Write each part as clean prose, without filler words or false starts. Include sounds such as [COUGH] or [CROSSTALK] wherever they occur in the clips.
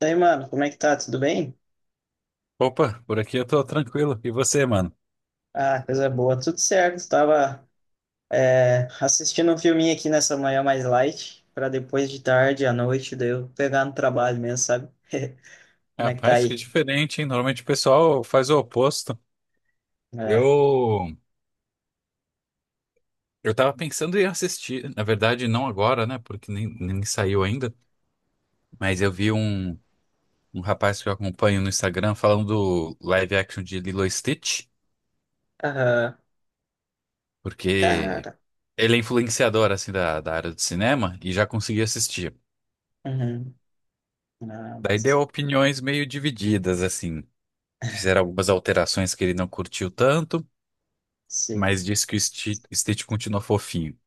E aí, mano, como é que tá? Tudo bem? Opa, por aqui eu tô tranquilo. E você, mano? Ah, coisa boa, tudo certo. Tava, assistindo um filminho aqui nessa manhã mais light, pra depois de tarde, à noite, daí eu pegar no trabalho mesmo, sabe? [LAUGHS] Como é que tá Rapaz, que aí? diferente, hein? Normalmente o pessoal faz o oposto. É. Eu, eu tava pensando em assistir. Na verdade, não agora, né? Porque nem saiu ainda. Mas eu vi um rapaz que eu acompanho no Instagram falando do live action de Lilo e Stitch. Aham. Porque Cara. ele é influenciador, assim, da área do cinema e já conseguiu assistir. Uhum. Ah, Daí nossa. deu opiniões meio divididas, assim. Fizeram algumas alterações que ele não curtiu tanto, Sim. mas diz que o Stitch continua fofinho.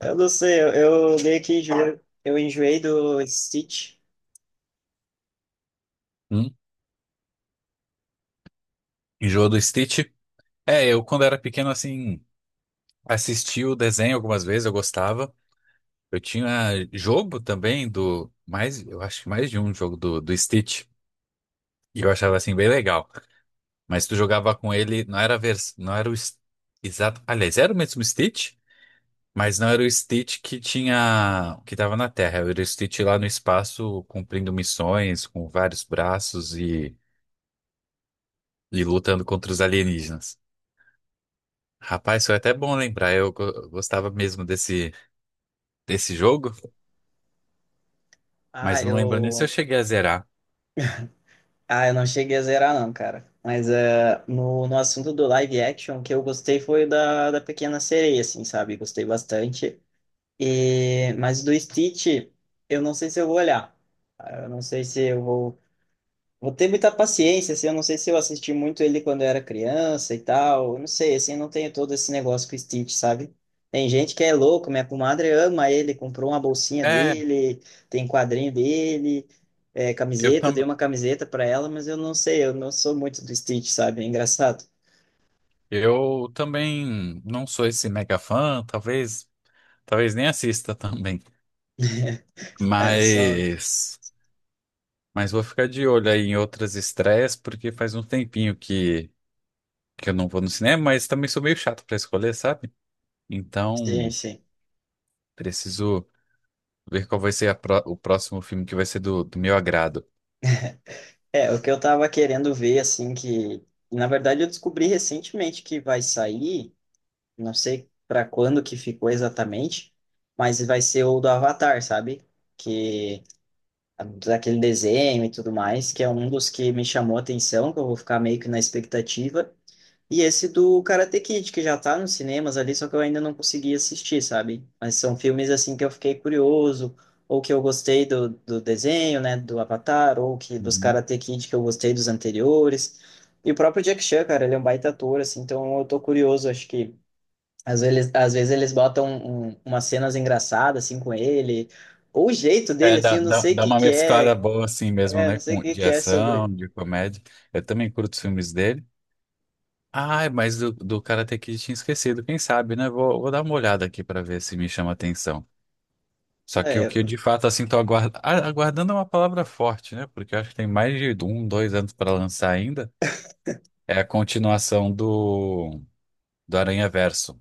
Eu não sei, eu meio que enjoei, eu enjoei do Stitch. Hum? Enjoa do Stitch? É, eu quando era pequeno, assim, assisti o desenho algumas vezes, eu gostava. Eu tinha jogo também do, mais, eu acho que mais de um jogo do Stitch, e eu achava, assim, bem legal. Mas tu jogava com ele, não era a vers, não era o exato, aliás, era o mesmo Stitch, mas não era o Stitch que tinha, que tava na Terra, era o Stitch lá no espaço, cumprindo missões, com vários braços e lutando contra os alienígenas. Rapaz, foi até bom lembrar. Eu gostava mesmo desse jogo, Ah, mas não lembro nem se eu eu. cheguei a zerar. Ah, eu não cheguei a zerar, não, cara. Mas é, no assunto do live action, o que eu gostei foi da Pequena Sereia, assim, sabe? Gostei bastante. E, mas do Stitch, eu não sei se eu vou olhar. Ah, eu não sei se eu vou. Vou ter muita paciência, assim, eu não sei se eu assisti muito ele quando eu era criança e tal, eu não sei, assim, eu não tenho todo esse negócio com o Stitch, sabe? Tem gente que é louco, minha comadre ama ele, comprou uma bolsinha É, dele, tem quadrinho dele, é, eu, camiseta, eu tam, dei uma camiseta pra ela, mas eu não sei, eu não sou muito do Stitch, sabe? É engraçado. eu também não sou esse mega fã, talvez nem assista [LAUGHS] também. [LAUGHS] É, só. Mas, mas vou ficar de olho aí em outras estreias, porque faz um tempinho que eu não vou no cinema, mas também sou meio chato pra escolher, sabe? Sim, Então, sim. preciso ver qual vai ser a o próximo filme que vai ser do meu agrado. É, o que eu tava querendo ver, assim, que. Na verdade, eu descobri recentemente que vai sair. Não sei para quando que ficou exatamente, mas vai ser o do Avatar, sabe? Que daquele desenho e tudo mais, que é um dos que me chamou a atenção, que eu vou ficar meio que na expectativa. E esse do Karate Kid, que já tá nos cinemas ali, só que eu ainda não consegui assistir, sabe? Mas são filmes assim que eu fiquei curioso, ou que eu gostei do desenho, né, do Avatar, ou que dos Karate Kid que eu gostei dos anteriores. E o próprio Jack Chan, cara, ele é um baita ator, assim, então eu tô curioso, acho que às vezes eles botam umas cenas engraçadas assim com ele, ou o jeito É, dele assim, eu não sei o dá que uma que mesclada é, boa assim mesmo, né? não sei o Com, que de que é ação, sobre. de comédia. Eu também curto os filmes dele. Ai, mas do Karate Kid tinha esquecido. Quem sabe, né? Vou dar uma olhada aqui pra ver se me chama atenção. Só que o É, que eu de fato assim tô aguardando é uma palavra forte, né? Porque eu acho que tem mais de dois anos pra lançar ainda. É a continuação do Aranha Verso,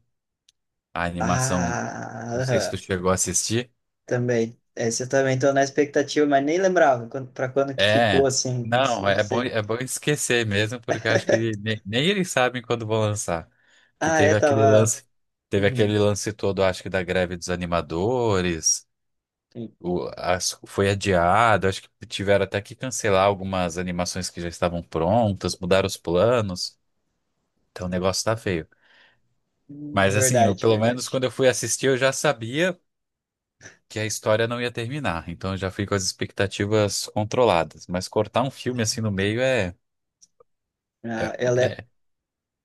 a animação. ah, Não sei se tu aham, chegou a assistir. também. Esse eu também tô na expectativa, mas nem lembrava quando, pra quando que ficou É, assim, isso não, nem sei. é bom esquecer mesmo, porque eu acho que nem eles sabem quando vão lançar. Que Ah, é, tava. Teve Uhum. aquele lance todo, acho que da greve dos animadores, foi adiado, acho que tiveram até que cancelar algumas animações que já estavam prontas, mudaram os planos, então o negócio tá feio. Mas assim, verdade, pelo menos verdade. quando eu fui assistir, eu já sabia que a história não ia terminar, então eu já fui com as expectativas controladas. Mas cortar um filme assim no meio é. Ah, É ela [LAUGHS] é. é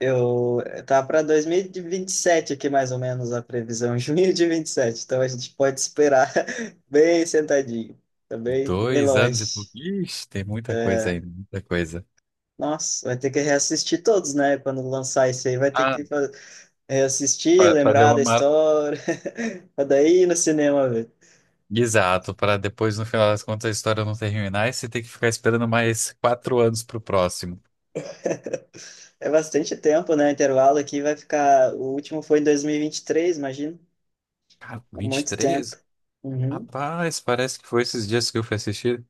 Eu Tá para dois mil e vinte e sete aqui mais ou menos a previsão, [LAUGHS] junho de 27. Então a gente pode esperar [LAUGHS] bem sentadinho, também bem bem Dois anos e longe. pouco. Ixi, tem muita coisa ainda, muita coisa. Nossa, vai ter que reassistir todos, né? Quando lançar isso aí, vai ter Ah, que reassistir, fazer lembrar uma da mara. história, [LAUGHS] pra daí ir no cinema ver. Exato, para depois, no final das contas, a história não terminar e você ter que ficar esperando mais quatro anos pro próximo. É bastante tempo, né? Intervalo aqui vai ficar. O último foi em dois mil e vinte e três, imagino. Cara, vinte e Muito tempo. três. Uhum. Rapaz, parece que foi esses dias que eu fui assistir.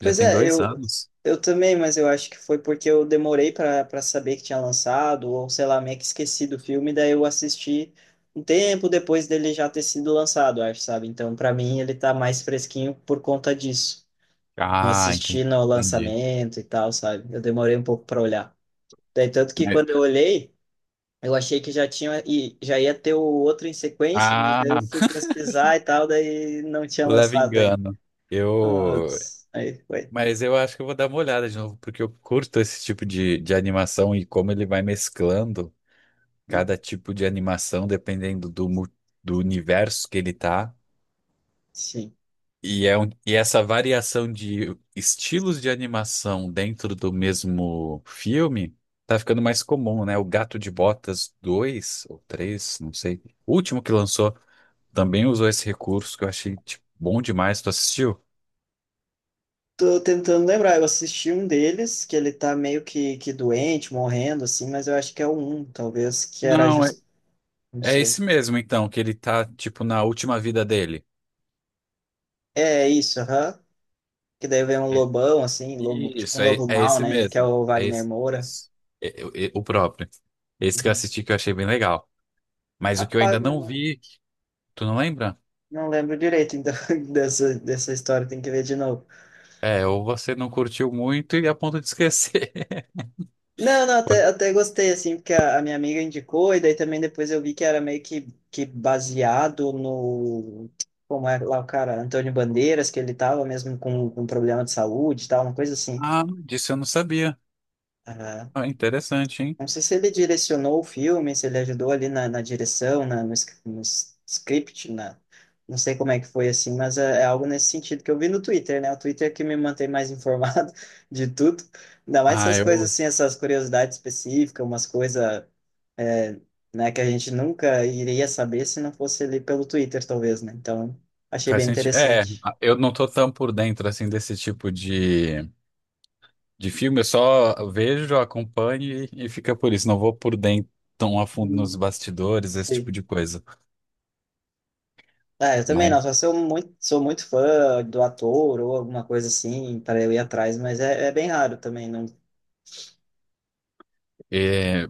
Já tem é, dois anos. eu também, mas eu acho que foi porque eu demorei para saber que tinha lançado, ou sei lá, meio que esqueci do filme, daí eu assisti um tempo depois dele já ter sido lançado, acho, sabe? Então, para mim, ele tá mais fresquinho por conta disso. Não Ah, assisti entendi. no Entendi. lançamento e tal, sabe? Eu demorei um pouco para olhar. Daí, tanto que Mas quando eu olhei, eu achei que já tinha e já ia ter o outro em sequência, mas ah, daí eu fui [LAUGHS] pesquisar e tal, daí não tinha leva lançado ainda. engano. Eu, Putz, aí foi. mas eu acho que eu vou dar uma olhada de novo, porque eu curto esse tipo de animação e como ele vai mesclando. Cada tipo de animação, dependendo do, do universo que ele tá. Sim. E, é um, e essa variação de estilos de animação dentro do mesmo filme tá ficando mais comum, né? O Gato de Botas 2 ou 3 não sei. O último que lançou também usou esse recurso que eu achei, tipo, bom demais. Tu assistiu? Tô tentando lembrar, eu assisti um deles, que ele tá meio que doente, morrendo, assim, mas eu acho que é o um, talvez, que era Não, é. justo, não É sei. esse mesmo, então, que ele tá, tipo, na última vida dele. É isso, aham. Que daí vem um lobão, assim, lobo, tipo Isso, um é, lobo é mau, esse né? Que é mesmo. o É Wagner esse, Moura. isso. É o próprio. Esse que eu Uhum. assisti que eu achei bem legal. Mas o que eu Rapaz, ainda mas não não, vi, tu não lembra? não lembro direito, então, [LAUGHS] dessa história, tem que ver de novo. É, ou você não curtiu muito e a ponto de esquecer. [LAUGHS] Não, não, até, Pode- até gostei, assim, porque a minha amiga indicou, e daí também depois eu vi que era meio que baseado no. Como é lá o cara, Antônio Bandeiras, que ele tava mesmo com problema de saúde e tal, uma coisa assim. Ah, disso eu não sabia. Ah, interessante, hein? Não sei se ele direcionou o filme, se ele ajudou ali na direção, na, no, sc- no s- script, na, não sei como é que foi assim, mas é, é algo nesse sentido que eu vi no Twitter, né? O Twitter é que me mantém mais informado [LAUGHS] de tudo. Ainda mais Ah, essas coisas eu. assim, essas curiosidades específicas, umas coisas, é, né, que a gente nunca iria saber se não fosse ali pelo Twitter, talvez, né? Então, achei Faz bem sentido. É, interessante. eu não tô tão por dentro assim desse tipo de filme, eu só vejo, acompanho e fica por isso. Não vou por dentro tão a fundo nos Hum. bastidores, esse tipo Sim. de coisa. É, eu também não, Mas. só se eu muito, sou muito fã do ator ou alguma coisa assim, para eu ir atrás, mas é, é bem raro também, não. É,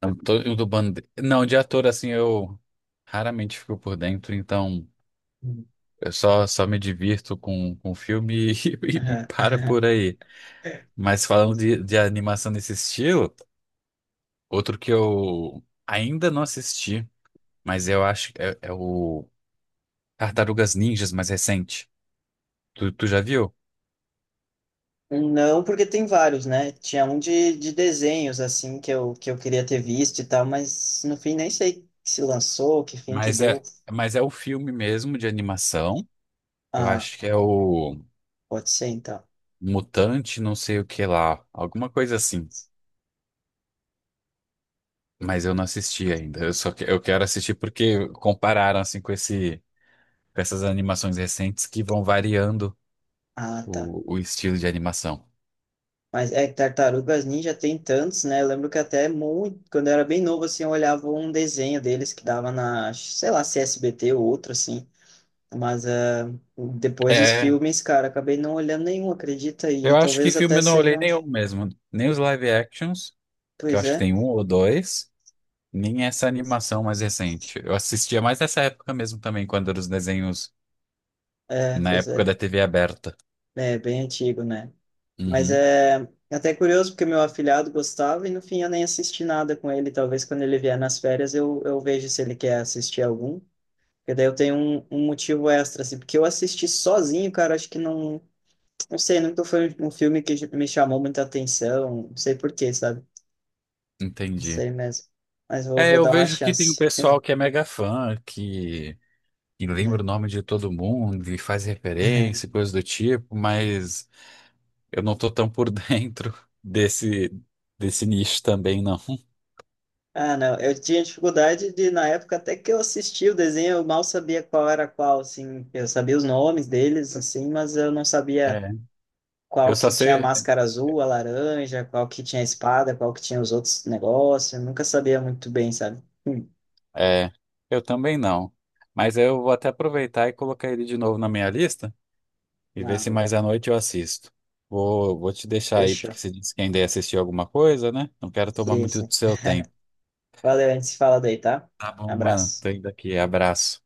não, o do bande... Não, de ator, assim, eu raramente fico por dentro, então só me divirto com o filme [LAUGHS] e para por [LAUGHS] aí. Mas falando de animação nesse estilo, outro que eu ainda não assisti, mas eu acho que é o Tartarugas Ninjas mais recente. Tu já viu? Não, porque tem vários, né? Tinha um de desenhos, assim, que eu queria ter visto e tal, mas no fim nem sei se lançou, que fim que Mas deu. é, mas é o filme mesmo de animação. Eu Ah, acho que é o pode ser então. Mutante, não sei o que lá, alguma coisa assim. Mas eu não assisti ainda. Eu só que, eu quero assistir porque compararam assim com esse com essas animações recentes que vão variando Ah, tá. O estilo de animação. Mas é que Tartarugas Ninja tem tantos, né? Eu lembro que até muito, quando eu era bem novo, assim, eu olhava um desenho deles que dava na, sei lá, se SBT ou outro, assim. Mas é, depois os É, filmes, cara, acabei não olhando nenhum, acredita? E eu acho que talvez filme até eu não olhei sejam. nenhum mesmo, nem os live actions, que eu Pois acho que é, tem um ou dois, nem essa animação mais recente. Eu assistia mais nessa época mesmo também, quando eram os desenhos na pois época é. da TV aberta. É bem antigo, né? Mas Uhum, é até curioso porque meu afilhado gostava e no fim eu nem assisti nada com ele. Talvez quando ele vier nas férias eu vejo se ele quer assistir algum. Porque daí eu tenho um motivo extra, assim. Porque eu assisti sozinho, cara, acho que não. Não sei, nunca foi um filme que me chamou muita atenção. Não sei por quê, sabe? Não entendi. sei mesmo. Mas É, vou eu dar uma vejo que tem um chance. pessoal que é mega fã, que e lembra Né? o nome de todo mundo e faz referência, [LAUGHS] e coisa do tipo, mas eu não tô tão por [LAUGHS] dentro desse, desse nicho também, não. Ah, não. Eu tinha dificuldade de, na época, até que eu assisti o desenho, eu mal sabia qual era qual, assim. Eu sabia os nomes deles, assim, mas eu não sabia É. Eu qual só que tinha a sei. máscara azul, a laranja, qual que tinha a espada, qual que tinha os outros negócios. Eu nunca sabia muito bem, sabe? É, eu também não. Mas eu vou até aproveitar e colocar ele de novo na minha lista e ver Ah, se boa. mais à noite eu assisto. Vou te deixar aí, porque Fechou. você disse que ainda ia assistir alguma coisa, né? Não quero tomar Sim, muito sim. do seu tempo. Valeu, a gente se fala daí, tá? Tá bom, mano. Abraço. Tô indo aqui. Abraço.